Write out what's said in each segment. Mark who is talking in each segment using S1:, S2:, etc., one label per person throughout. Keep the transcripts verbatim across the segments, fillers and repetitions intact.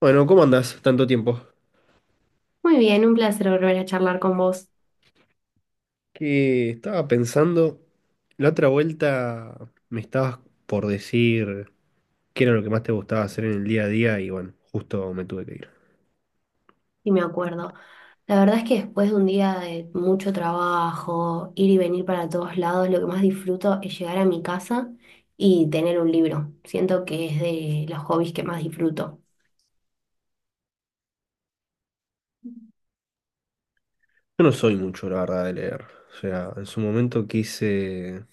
S1: Bueno, ¿cómo andás? Tanto tiempo.
S2: Muy bien, un placer volver a charlar con vos,
S1: Que estaba pensando, la otra vuelta me estabas por decir qué era lo que más te gustaba hacer en el día a día y bueno, justo me tuve que ir.
S2: y me acuerdo. La verdad es que después de un día de mucho trabajo, ir y venir para todos lados, lo que más disfruto es llegar a mi casa y tener un libro. Siento que es de los hobbies que más disfruto.
S1: Yo no soy mucho, la verdad, de leer. O sea, en su momento quise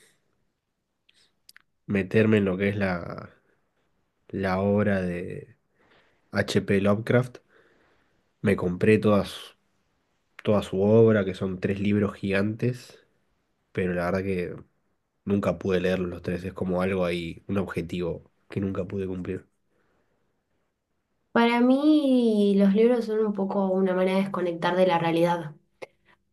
S1: meterme en lo que es la, la obra de H. P. Lovecraft. Me compré todas, toda su obra, que son tres libros gigantes, pero la verdad que nunca pude leerlos los tres, es como algo ahí, un objetivo que nunca pude cumplir.
S2: Para mí, los libros son un poco una manera de desconectar de la realidad.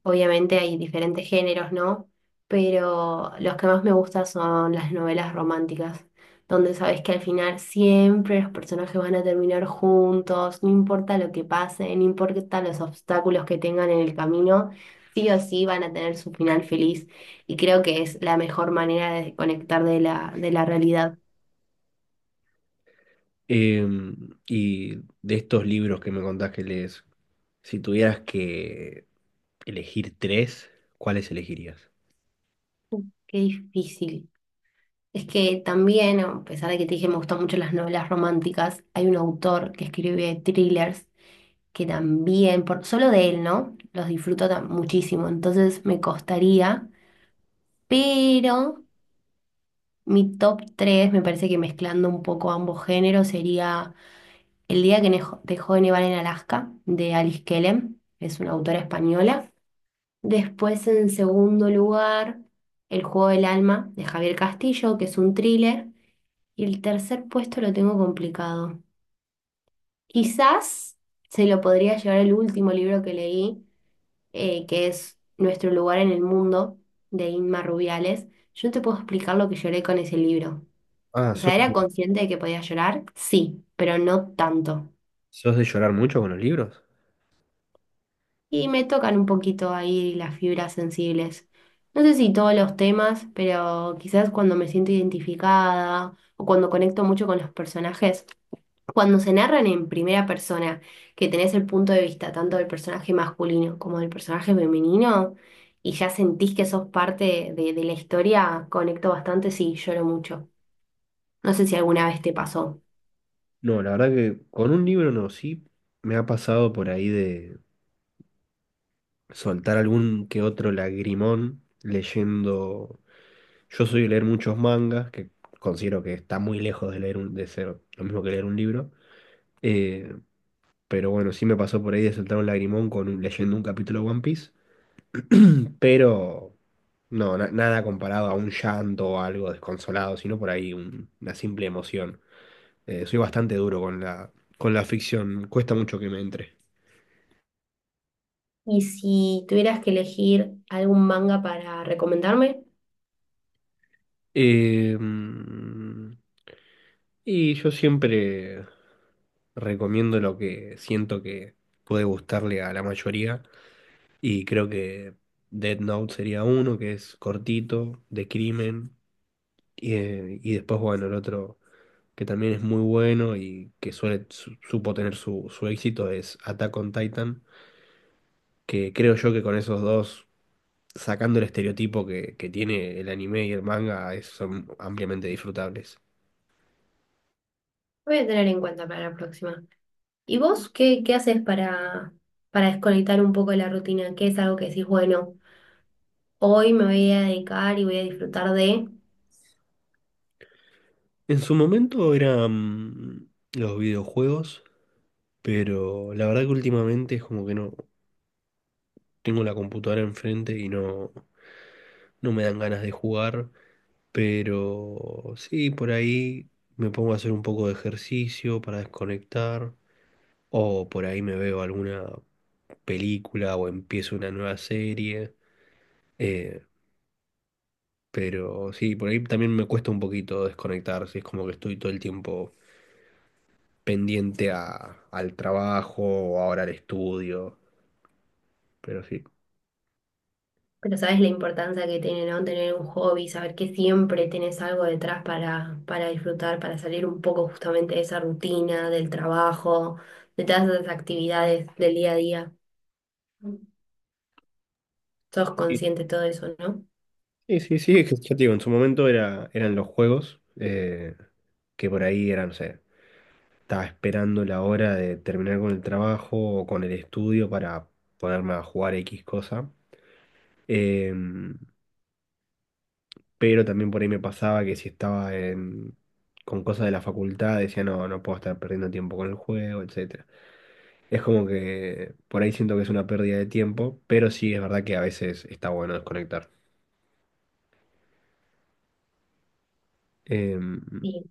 S2: Obviamente hay diferentes géneros, ¿no? Pero los que más me gustan son las novelas románticas, donde sabes que al final siempre los personajes van a terminar juntos, no importa lo que pase, no importa los obstáculos que tengan en el camino, sí o sí van a tener su final feliz. Y creo que es la mejor manera de desconectar de la, de la realidad.
S1: Em, y de estos libros que me contás que lees, si tuvieras que elegir tres, ¿cuáles elegirías?
S2: Qué difícil. Es que también, a pesar de que te dije me gustan mucho las novelas románticas, hay un autor que escribe thrillers que también, por, solo de él, ¿no? Los disfruto ta- muchísimo, entonces me costaría, pero mi top tres me parece que mezclando un poco ambos géneros, sería El día que nejo- dejó de nevar en Alaska, de Alice Kellem, es una autora española. Después, en segundo lugar, El juego del alma, de Javier Castillo, que es un thriller. Y el tercer puesto lo tengo complicado. Quizás se lo podría llevar el último libro que leí, eh, que es Nuestro lugar en el mundo, de Inma Rubiales, yo no te puedo explicar lo que lloré con ese libro.
S1: Ah,
S2: O sea,
S1: ¿sos,
S2: ¿era consciente de que podía llorar? Sí, pero no tanto.
S1: sos de llorar mucho con los libros?
S2: Y me tocan un poquito ahí las fibras sensibles. No sé si todos los temas, pero quizás cuando me siento identificada o cuando conecto mucho con los personajes, cuando se narran en primera persona, que tenés el punto de vista tanto del personaje masculino como del personaje femenino, y ya sentís que sos parte de, de la historia, conecto bastante, sí, lloro mucho. No sé si alguna vez te pasó.
S1: No, la verdad que con un libro no, sí me ha pasado por ahí de soltar algún que otro lagrimón leyendo. Yo soy de leer muchos mangas, que considero que está muy lejos de leer un, de ser lo mismo que leer un libro. Eh, pero bueno, sí me pasó por ahí de soltar un lagrimón con, un- leyendo un capítulo de One Piece. Pero no, na- nada comparado a un llanto o algo desconsolado, sino por ahí un- una simple emoción. Eh, soy bastante duro con la, con la ficción, cuesta mucho que me entre.
S2: Y si tuvieras que elegir algún manga para recomendarme, lo
S1: Eh, mm, y yo siempre recomiendo lo que siento que puede gustarle a la mayoría. Y creo que Dead Note sería uno, que es cortito, de crimen. Y, eh, y después, bueno, el otro que también es muy bueno y que suele, su- supo tener su, su éxito es Attack on Titan, que creo yo que con esos dos, sacando el estereotipo que, que tiene el anime y el manga, es- son ampliamente disfrutables.
S2: voy a tener en cuenta para la próxima. ¿Y vos qué, qué haces para, para desconectar un poco de la rutina? ¿Qué es algo que decís, bueno, hoy me voy a dedicar y voy a disfrutar de...
S1: En su momento eran los videojuegos, pero la verdad que últimamente es como que no tengo la computadora enfrente y no, no me dan ganas de jugar. Pero sí, por ahí me pongo a hacer un poco de ejercicio para desconectar. O por ahí me veo alguna película o empiezo una nueva serie. eh, pero sí, por ahí también me cuesta un poquito desconectar. Si Es como que estoy todo el tiempo pendiente a, al trabajo o ahora al estudio. Pero sí.
S2: Pero sabes la importancia que tiene, ¿no? Tener un hobby, saber que siempre tenés algo detrás para, para disfrutar, para salir un poco justamente de esa rutina, del trabajo, de todas esas actividades del día a día. Sos
S1: Sí,
S2: consciente de todo eso, ¿no?
S1: sí, sí, sí, es que ya te digo, en su momento era, eran los juegos, eh, que por ahí eran, no sé. Estaba esperando la hora de terminar con el trabajo o con el estudio para ponerme a jugar X cosa. Em, pero también por ahí me pasaba que si estaba en- con cosas de la facultad, decía, no, no puedo estar perdiendo tiempo con el juego, etcétera. Es como que por ahí siento que es una pérdida de tiempo, pero sí es verdad que a veces está bueno desconectar. Em,
S2: Sí.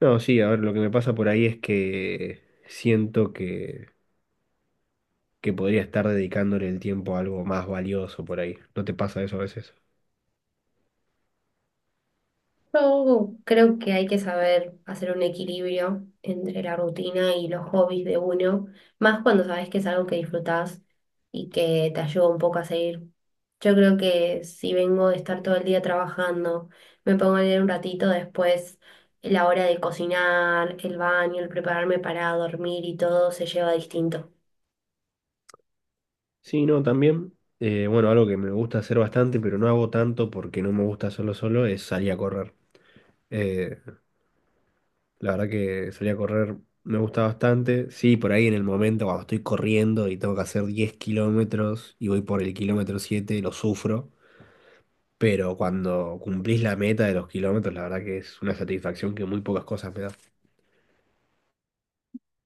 S1: no, sí, a ver, lo que me pasa por ahí es que siento que que podría estar dedicándole el tiempo a algo más valioso por ahí. ¿No te pasa eso a veces?
S2: Yo creo que hay que saber hacer un equilibrio entre la rutina y los hobbies de uno, más cuando sabes que es algo que disfrutás y que te ayuda un poco a seguir. Yo creo que si vengo de estar todo el día trabajando, me pongo a leer un ratito, después la hora de cocinar, el baño, el prepararme para dormir y todo se lleva distinto.
S1: Sí, no, también. eh, bueno, algo que me gusta hacer bastante, pero no hago tanto porque no me gusta hacerlo solo, es salir a correr. Eh, la verdad que salir a correr me gusta bastante. Sí, por ahí en el momento cuando estoy corriendo y tengo que hacer diez kilómetros y voy por el kilómetro siete lo sufro. Pero cuando cumplís la meta de los kilómetros, la verdad que es una satisfacción que muy pocas cosas me da.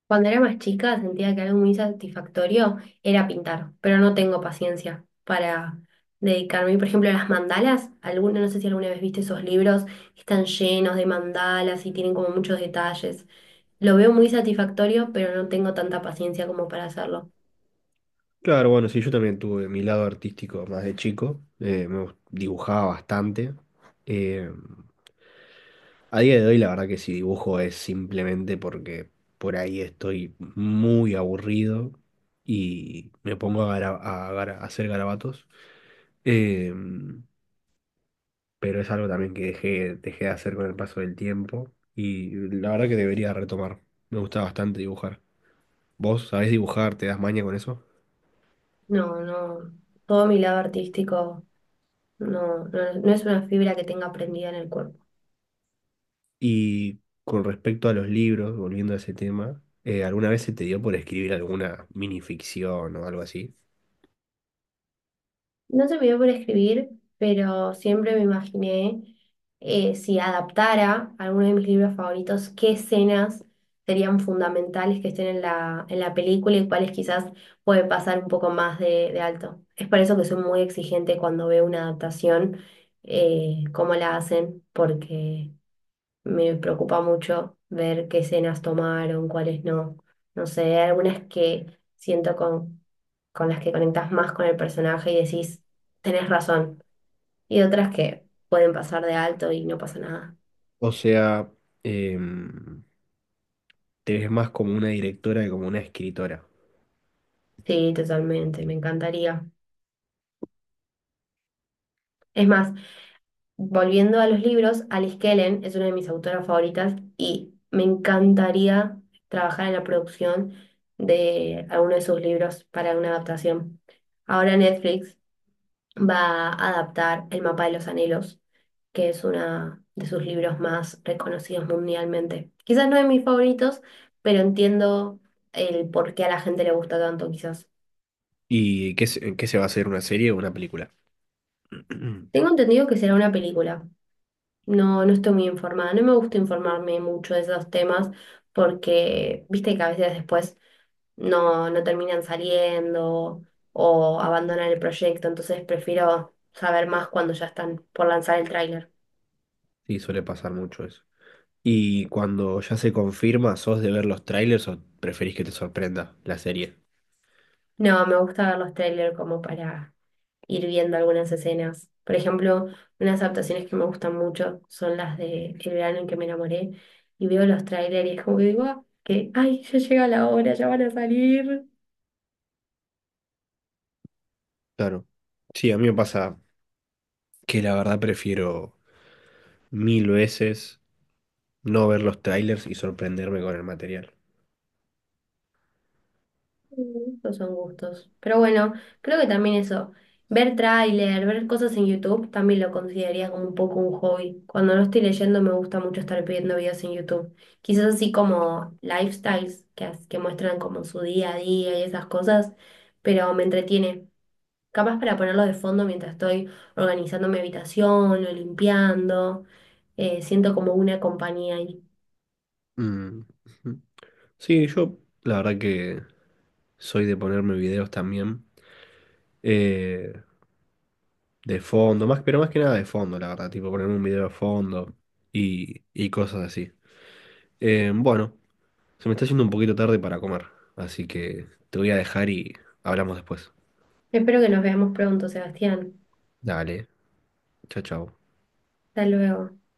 S2: Cuando era más chica sentía que algo muy satisfactorio era pintar, pero no tengo paciencia para dedicarme. Por ejemplo, las mandalas, alguna, no sé si alguna vez viste esos libros que están llenos de mandalas y tienen como muchos detalles. Lo veo muy satisfactorio, pero no tengo tanta paciencia como para hacerlo.
S1: Claro, bueno, sí, yo también tuve mi lado artístico más de chico, eh, me gust- dibujaba bastante. eh, a día de hoy la verdad que si dibujo es simplemente porque por ahí estoy muy aburrido y me pongo a, gara- a gara- a hacer garabatos. eh, pero es algo también que dejé, dejé de hacer con el paso del tiempo y la verdad que debería retomar. Me gusta bastante dibujar. ¿Vos sabés dibujar? ¿Te das maña con eso?
S2: No, no, todo mi lado artístico no, no, no es una fibra que tenga prendida en el cuerpo.
S1: Y con respecto a los libros, volviendo a ese tema, eh, ¿alguna vez se te dio por escribir alguna minificción o algo así?
S2: No se me dio por escribir, pero siempre me imaginé eh, si adaptara alguno de mis libros favoritos, qué escenas serían fundamentales que estén en la, en la película y cuáles quizás puede pasar un poco más de, de alto. Es por eso que soy muy exigente cuando veo una adaptación, eh, cómo la hacen, porque me preocupa mucho ver qué escenas tomaron, cuáles no. No sé, hay algunas que siento con con las que conectás más con el personaje y decís, tenés razón. Y otras que pueden pasar de alto y no pasa nada.
S1: O sea, em, te ves más como una directora que como una escritora.
S2: Sí, totalmente, me encantaría. Es más, volviendo a los libros, Alice Kellen es una de mis autoras favoritas y me encantaría trabajar en la producción de alguno de sus libros para una adaptación. Ahora Netflix va a adaptar El mapa de los anhelos, que es uno de sus libros más reconocidos mundialmente. Quizás no de mis favoritos, pero entiendo el por qué a la gente le gusta tanto, quizás.
S1: ¿Y qué, se- en qué se va a hacer una serie o una película?
S2: Tengo entendido que será una película. No, no estoy muy informada. No me gusta informarme mucho de esos temas porque, viste que a veces después no, no terminan saliendo o abandonan el proyecto, entonces prefiero saber más cuando ya están por lanzar el tráiler.
S1: Sí, suele pasar mucho eso. ¿Y cuando ya se confirma, sos de ver los trailers o preferís que te sorprenda la serie?
S2: No, me gusta ver los trailers como para ir viendo algunas escenas. Por ejemplo, unas adaptaciones que me gustan mucho son las de El verano en que me enamoré. Y veo los trailers y es como que digo, ah, que, ay, ya llega la hora, ya van a salir.
S1: Claro. Sí, a mí me pasa que la verdad prefiero mil veces no ver los trailers y sorprenderme con el material.
S2: Mm, esos son gustos. Pero bueno, creo que también eso, ver tráiler, ver cosas en YouTube, también lo consideraría como un poco un hobby. Cuando no estoy leyendo me gusta mucho estar viendo videos en YouTube. Quizás así como lifestyles que, as- que muestran como su día a día y esas cosas, pero me entretiene. Capaz para ponerlo de fondo mientras estoy organizando mi habitación o limpiando. Eh, siento como una compañía ahí.
S1: Mm. Ujú. Sí, yo la verdad que soy de ponerme videos también. eh, de fondo, más, pero más que nada de fondo, la verdad. Tipo ponerme un video de fondo y, y cosas así. Eh, bueno, se me está haciendo un poquito tarde para comer. Así que te voy a dejar y hablamos después.
S2: Espero que nos veamos pronto, Sebastián.
S1: Dale, chao, chao.
S2: Hasta luego.